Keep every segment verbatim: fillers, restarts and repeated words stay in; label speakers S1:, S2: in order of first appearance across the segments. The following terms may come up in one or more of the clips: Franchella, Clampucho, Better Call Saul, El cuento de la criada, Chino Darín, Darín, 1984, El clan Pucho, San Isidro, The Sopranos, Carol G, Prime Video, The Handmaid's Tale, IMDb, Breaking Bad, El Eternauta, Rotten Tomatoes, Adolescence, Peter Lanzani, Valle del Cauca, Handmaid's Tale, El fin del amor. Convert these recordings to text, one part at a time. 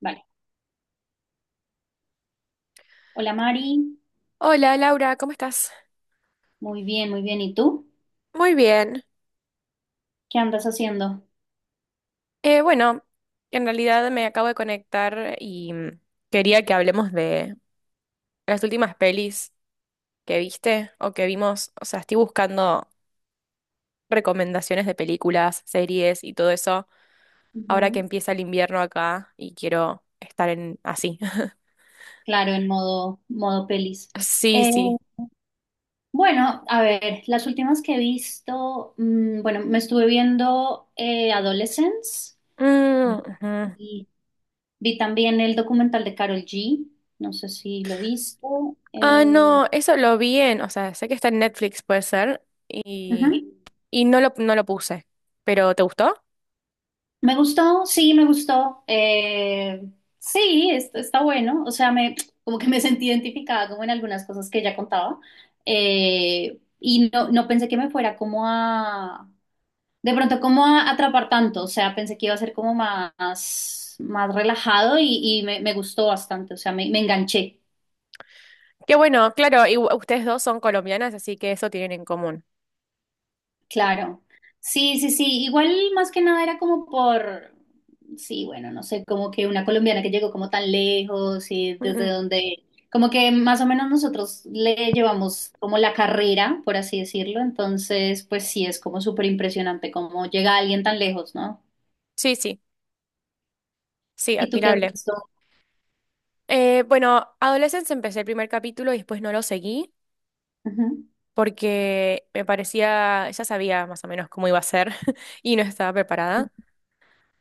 S1: Vale. Hola Mari,
S2: Hola Laura, ¿cómo estás?
S1: muy bien, muy bien. ¿Y tú?
S2: Muy bien.
S1: ¿Qué andas haciendo?
S2: Eh, bueno, en realidad me acabo de conectar y mm, quería que hablemos de las últimas pelis que viste o que vimos. O sea, estoy buscando recomendaciones de películas, series y todo eso ahora que
S1: Ujú.
S2: empieza el invierno acá y quiero estar en así.
S1: Claro, en modo, modo pelis.
S2: Sí,
S1: Eh,
S2: sí.
S1: bueno, a ver, las últimas que he visto, mm, bueno, me estuve viendo eh, Adolescence
S2: Mm, ujú.
S1: y vi también el documental de Carol G. No sé si lo viste.
S2: Ah,
S1: Eh,
S2: no, eso lo vi en, o sea, sé que está en Netflix, puede ser.
S1: ujú.
S2: Y no lo, no lo puse. ¿Pero te gustó?
S1: Me gustó, sí, me gustó. Eh, sí, est- está bueno. O sea, me, como que me sentí identificada como en algunas cosas que ella contaba. Eh, y no, no pensé que me fuera como a, de pronto como a atrapar tanto. O sea, pensé que iba a ser como más, más relajado y, y me, me gustó bastante. O sea, me, me enganché.
S2: Qué bueno, claro, y u- ustedes dos son colombianas, así que eso tienen en común.
S1: Claro. Sí, sí, sí. Igual más que nada era como por, sí, bueno, no sé, como que una colombiana que llegó como tan lejos y
S2: Mm,
S1: desde
S2: mm.
S1: donde, como que más o menos nosotros le llevamos como la carrera, por así decirlo. Entonces, pues sí, es como súper impresionante cómo llega alguien tan lejos, ¿no?
S2: Sí, sí, sí,
S1: ¿Y tú qué has
S2: admirable.
S1: visto?
S2: Eh, bueno, Adolescence empecé el primer capítulo y después no lo seguí,
S1: Ujú.
S2: porque me parecía, ya sabía más o menos cómo iba a ser y no estaba preparada.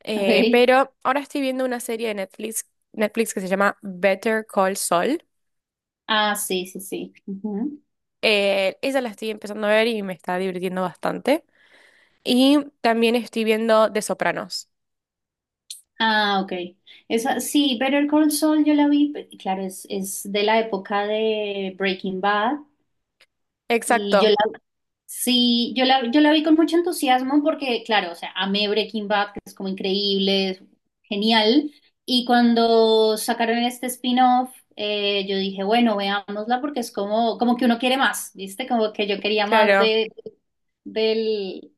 S2: Eh,
S1: Ok.
S2: pero ahora estoy viendo una serie de Netflix, Netflix que se llama Better Call Saul.
S1: Ah, sí, sí, sí. Ujú.
S2: Eh, esa la estoy empezando a ver y me está divirtiendo bastante. Y también estoy viendo The Sopranos.
S1: Ah, ok. Esa, sí, Better Call Saul yo la vi, pe- claro, es, es de la época de Breaking Bad. Y yo
S2: Exacto,
S1: la, sí, yo la, yo la vi con mucho entusiasmo porque, claro, o sea, amé Breaking Bad, que es como increíble, es genial. Y cuando sacaron este spin-off, eh, yo dije, bueno, veámosla porque es como, como que uno quiere más, ¿viste? Como que yo quería más
S2: claro.
S1: de, del,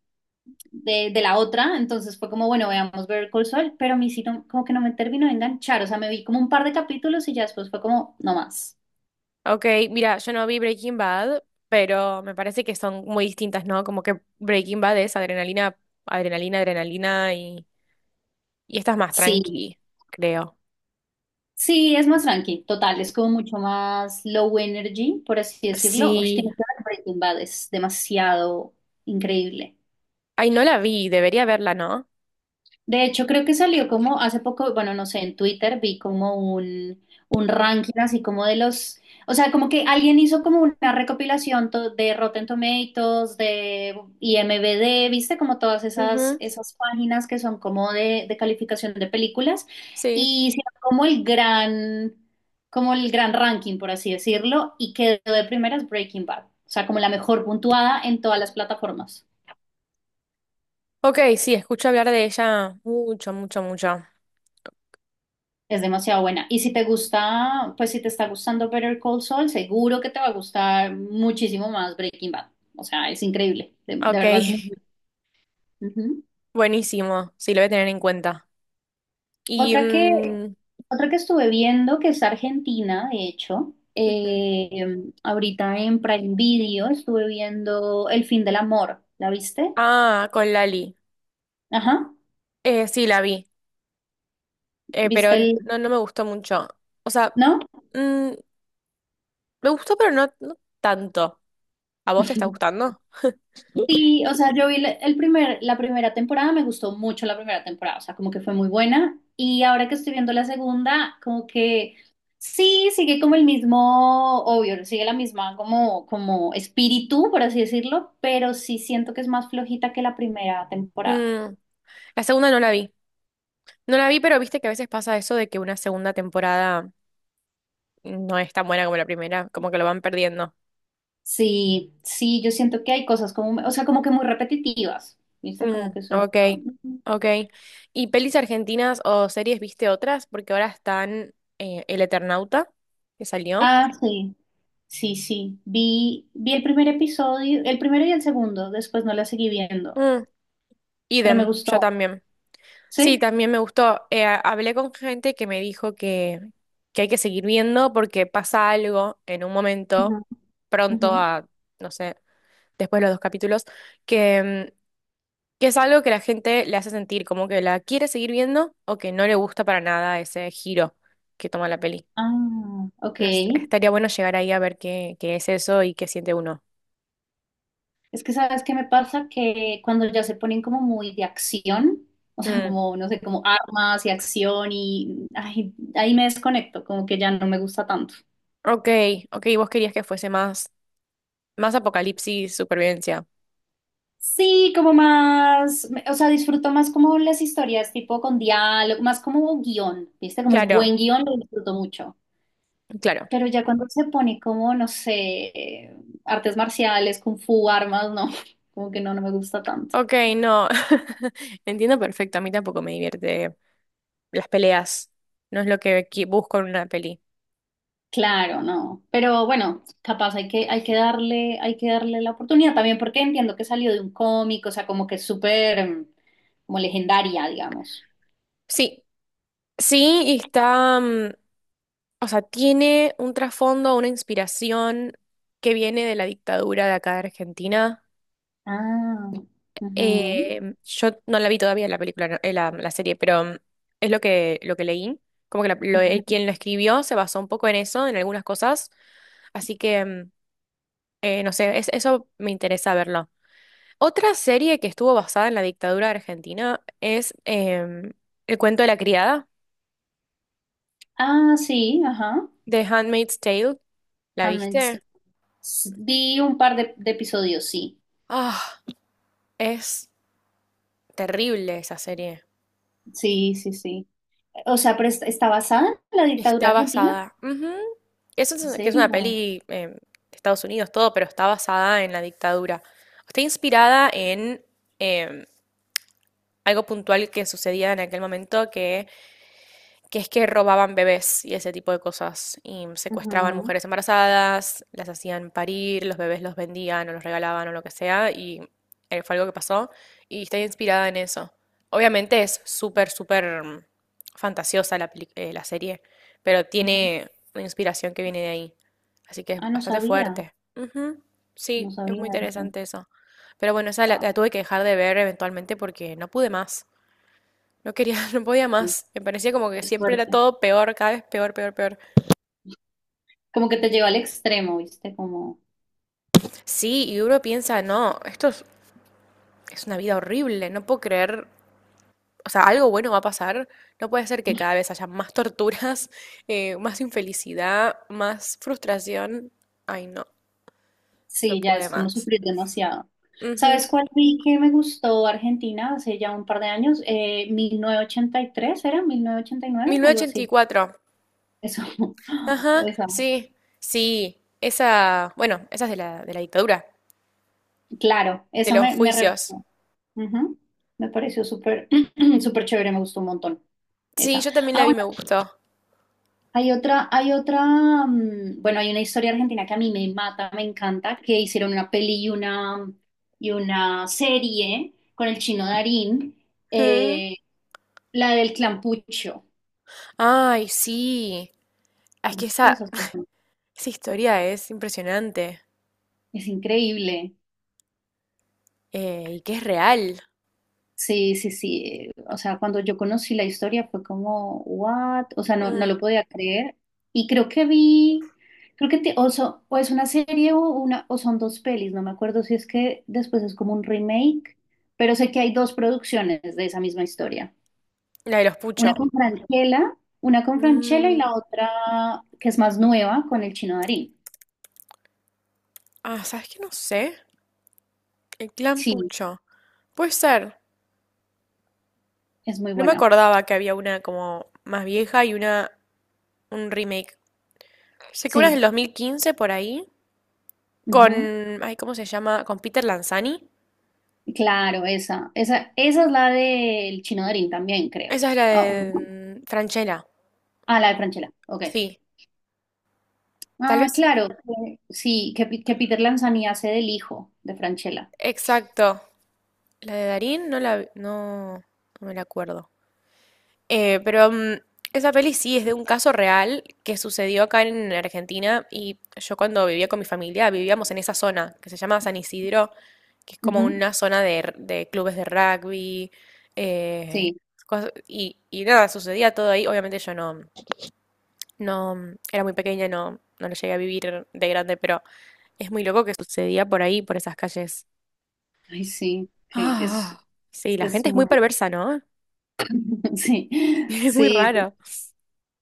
S1: de, de la otra. Entonces fue como, bueno, veamos Better Call Saul, pero a mí sí no- como que no me terminó de enganchar. O sea, me vi como un par de capítulos y ya después fue como, no más.
S2: Ok, mira, yo no vi Breaking Bad, pero me parece que son muy distintas, ¿no? Como que Breaking Bad es adrenalina, adrenalina, adrenalina y, y esta es más
S1: Sí.
S2: tranqui, creo.
S1: Sí, es más tranqui, total, es como mucho más low energy, por así decirlo. Oye,
S2: Sí.
S1: tienes que ver Breaking Bad, es demasiado increíble.
S2: Ay, no la vi, debería verla, ¿no?
S1: De hecho, creo que salió como hace poco, bueno, no sé, en Twitter vi como un, un ranking así como de los, o sea, como que alguien hizo como una recopilación to- de Rotten Tomatoes, de IMDb, viste como todas esas,
S2: Ujú,
S1: esas páginas que son como de, de calificación de películas
S2: sí.
S1: y hicieron como el gran, como el gran ranking, por así decirlo, y quedó de primeras Breaking Bad, o sea, como la mejor puntuada en todas las plataformas.
S2: Ok, sí, escucho hablar de ella mucho, mucho, mucho.
S1: Es demasiado buena. Y si te gusta, pues si te está gustando Better Call Saul, seguro que te va a gustar muchísimo más Breaking Bad. O sea, es increíble. De, de
S2: Ok,
S1: verdad es muy buena. Ujú.
S2: buenísimo. Sí, lo voy a tener en cuenta. Y...
S1: Otra que,
S2: mm,
S1: otra que estuve viendo, que es argentina, de hecho,
S2: ujú.
S1: eh, ahorita en Prime Video estuve viendo El fin del amor. ¿La viste?
S2: Ah, con Lali.
S1: Ajá.
S2: Eh, sí, la vi, eh, pero
S1: ¿Viste el...?
S2: no, no me gustó mucho. O sea,
S1: ¿No?
S2: mm, me gustó, pero no, no tanto. ¿A vos te está gustando?
S1: Sí, o sea, yo vi la- el primer, la primera temporada, me gustó mucho la primera temporada, o sea, como que fue muy buena. Y ahora que estoy viendo la segunda, como que sí, sigue como el mismo, obvio, sigue la misma como, como espíritu, por así decirlo, pero sí siento que es más flojita que la primera temporada.
S2: Mm, La segunda no la vi. No la vi, pero viste que a veces pasa eso de que una segunda temporada no es tan buena como la primera, como que lo van perdiendo.
S1: Sí, sí, yo siento que hay cosas como, o sea, como que muy repetitivas, ¿viste? Como
S2: Mm,
S1: que soy...
S2: ok, ok. ¿Y pelis argentinas o series viste otras? Porque ahora están eh, El Eternauta, que salió.
S1: Ah, sí, sí, sí. Vi, vi el primer episodio, el primero y el segundo, después no la seguí viendo,
S2: Mm,
S1: pero me
S2: idem, yo
S1: gustó.
S2: también. Sí,
S1: ¿Sí?
S2: también me gustó. Eh, ha- hablé con gente que me dijo que, que hay que seguir viendo porque pasa algo en un
S1: Ujú,
S2: momento
S1: ujú.
S2: pronto a, no sé, después de los dos capítulos, que, mm, que es algo que la gente le hace sentir como que la quiere seguir viendo o que no le gusta para nada ese giro que toma la peli.
S1: Ah, ok.
S2: Es- estaría bueno llegar ahí a ver qué, qué es eso y qué siente uno.
S1: Es que sabes qué me pasa que cuando ya se ponen como muy de acción, o sea,
S2: Mm,
S1: como, no sé, como armas y acción y ay, ahí me desconecto, como que ya no me gusta tanto.
S2: ok, ok, vos querías que fuese más, más apocalipsis, supervivencia.
S1: Sí, como más, o sea, disfruto más como las historias tipo con diálogo, más como guión, ¿viste? Como un
S2: Claro,
S1: buen guión lo disfruto mucho.
S2: claro.
S1: Pero ya cuando se pone como, no sé, artes marciales, kung fu, armas, no, como que no, no me gusta tanto.
S2: Ok, no. Entiendo perfecto, a mí tampoco me divierte las peleas. No es lo que qui- busco en una peli.
S1: Claro, no. Pero bueno, capaz hay que, hay que darle, hay que darle la oportunidad también porque entiendo que salió de un cómic, o sea, como que es súper, mm, como legendaria, digamos.
S2: Sí, sí, y está, mm, o sea, tiene un trasfondo, una inspiración que viene de la dictadura de acá de Argentina.
S1: Ah, ujú,
S2: Eh, yo no la vi todavía la película, no, eh, la, la serie, pero mm, es lo que, lo que leí. Como que la- lo- eh,
S1: ujú.
S2: Quien lo escribió se basó un poco en eso, en algunas cosas. Así que, mm, eh, no sé, es- eso me interesa verlo. Otra serie que estuvo basada en la dictadura de Argentina es em, El cuento de la criada.
S1: Ah, sí, ajá.
S2: The Handmaid's Tale, ¿la
S1: Handmaid's
S2: viste?
S1: Tale. S- Vi un par de, de episodios, sí.
S2: Ah, es terrible esa serie.
S1: Sí, sí, sí. O sea, pero ¿est- ¿está basada en la dictadura
S2: Está
S1: argentina?
S2: basada, ujú. Eso es
S1: ¿En
S2: una- que es una
S1: serio?
S2: peli eh, de Estados Unidos, todo, pero está basada en la dictadura. Está inspirada en em, algo puntual que sucedía en aquel momento, que que es que robaban bebés y ese tipo de cosas, y secuestraban
S1: Ujú,
S2: mujeres embarazadas, las hacían parir, los bebés los vendían o los regalaban o lo que sea, y eh, fue algo que pasó, y está inspirada en eso. Obviamente es súper, súper mm, fantasiosa la, peli- eh, la serie, pero
S1: ujú.
S2: tiene una inspiración que viene de ahí, así que es
S1: Ah, no
S2: bastante
S1: sabía,
S2: fuerte. Ujú,
S1: no
S2: sí, es
S1: sabía
S2: muy
S1: eso.
S2: interesante eso. Pero bueno, esa la,
S1: Wow,
S2: la tuve que dejar de ver eventualmente porque no pude más. No quería, no podía
S1: sí,
S2: más. Me parecía como que
S1: es
S2: siempre era
S1: fuerte.
S2: todo peor, cada vez peor, peor, peor.
S1: Como que te lleva al extremo, ¿viste? Como,
S2: Sí, y uno piensa, no, esto es, es una vida horrible, no puedo creer, o sea, algo bueno va a pasar. No puede ser que cada vez haya más torturas, eh, más infelicidad, más frustración. Ay, no, no
S1: sí, ya
S2: pude
S1: es como
S2: más.
S1: sufrir demasiado.
S2: Ujú.
S1: ¿Sabes cuál vi que me gustó Argentina hace ya un par de años? Eh, mil novecientos ochenta y tres, ¿era? mil novecientos ochenta y nueve, algo así.
S2: mil novecientos ochenta y cuatro.
S1: Eso,
S2: Ajá,
S1: esa,
S2: sí, sí. Esa, bueno, esa es de la, de la dictadura,
S1: claro,
S2: de
S1: esa
S2: los
S1: me, me re
S2: juicios.
S1: gustó. Ujú. Me pareció súper, súper chévere, me gustó un montón.
S2: Sí,
S1: Esa.
S2: yo también
S1: Ah,
S2: la vi, me gustó.
S1: Hay otra, hay otra, mm, bueno, hay una historia argentina que a mí me mata, me encanta, que hicieron una peli y una, y una serie con el chino Darín,
S2: Mm.
S1: eh, la del Clampucho.
S2: Ay, sí. Es que
S1: ¿Viste?
S2: esa,
S1: Esa es
S2: esa historia es impresionante,
S1: es increíble.
S2: eh, y que es real.
S1: Sí, sí, sí. O sea, cuando yo conocí la historia fue como, what? O sea, no, no
S2: Mm,
S1: lo podía creer. Y creo que vi, creo que te- o, so- o es una serie o una, o son dos pelis, no me acuerdo si es que después es como un remake, pero sé que hay dos producciones de esa misma historia.
S2: La de los
S1: Una
S2: Pucho.
S1: con Franchella, una con Franchella y
S2: Mm,
S1: la otra que es más nueva con el Chino Darín.
S2: Ah, ¿sabes qué? No sé. El clan
S1: Sí,
S2: Pucho. Puede ser.
S1: es muy
S2: No me
S1: buena.
S2: acordaba que había una como más vieja y una un remake. Sé que una es del
S1: Sí.
S2: dos mil quince por ahí. Con... Ay, ¿cómo se llama? Con Peter Lanzani.
S1: Claro, esa, esa, esa es la del Chino Darín también, creo.
S2: Esa es la
S1: Ah, ¿o no?
S2: de mm, Franchella.
S1: Ah, la de Franchella, ok.
S2: Sí. Tal vez.
S1: Ah, claro, que- sí, que, Pi- que Peter Lanzani hace del hijo de Franchella.
S2: Exacto. La de Darín no la. vi- No, no me la acuerdo. Eh, pero mm, Esa peli sí es de un caso real que sucedió acá en Argentina y yo cuando vivía con mi familia vivíamos en esa zona que se llama San Isidro, que es como
S1: Ujú,
S2: una zona de, r- de clubes de rugby, eh,
S1: sí,
S2: cos- y, y nada, sucedía todo ahí. Obviamente yo no, no mm, era muy pequeña, no, no lo llegué a vivir de grande, pero es muy loco que sucedía por ahí, por esas calles.
S1: ay, sí, que es,
S2: Ah, sí, la
S1: es
S2: gente es muy
S1: muy,
S2: perversa, ¿no?
S1: sí,
S2: Es muy
S1: sí,
S2: raro.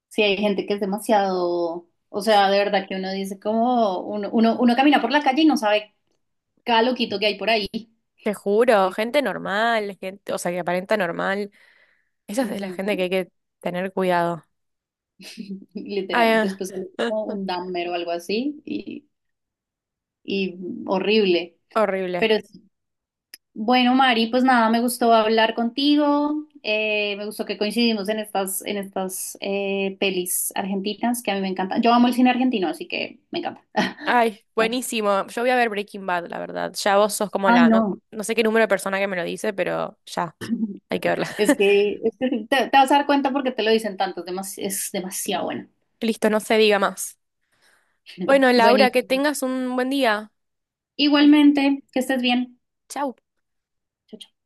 S1: sí, hay gente que es demasiado, o sea, de verdad que uno dice como, uno, uno, uno camina por la calle y no sabe cada loquito que hay por ahí.
S2: Te juro,
S1: ¿Viste?
S2: gente normal, gente, o sea, que aparenta normal. Esa es la gente
S1: Ujú,
S2: que hay que tener cuidado. Ay,
S1: literal,
S2: ah,
S1: después sale como un damero o algo así y y horrible.
S2: horrible.
S1: Pero sí, bueno, Mari, pues nada, me gustó hablar contigo, eh, me gustó que coincidimos en estas, en estas eh, pelis argentinas que a mí me encantan. Yo amo el cine argentino, así que me encanta.
S2: Ay, buenísimo. Yo voy a ver Breaking Bad, la verdad. Ya vos sos como
S1: Ay,
S2: la, no,
S1: no,
S2: no sé qué número de persona que me lo dice, pero ya, hay que verla.
S1: es que, es que sí, te, te vas a dar cuenta porque te lo dicen tanto, es, demas- es demasiado buena.
S2: Listo, no se diga más. Bueno, Laura, que
S1: Buenísimo.
S2: tengas un buen día.
S1: Igualmente, que estés bien.
S2: Chau.
S1: Chao, chao.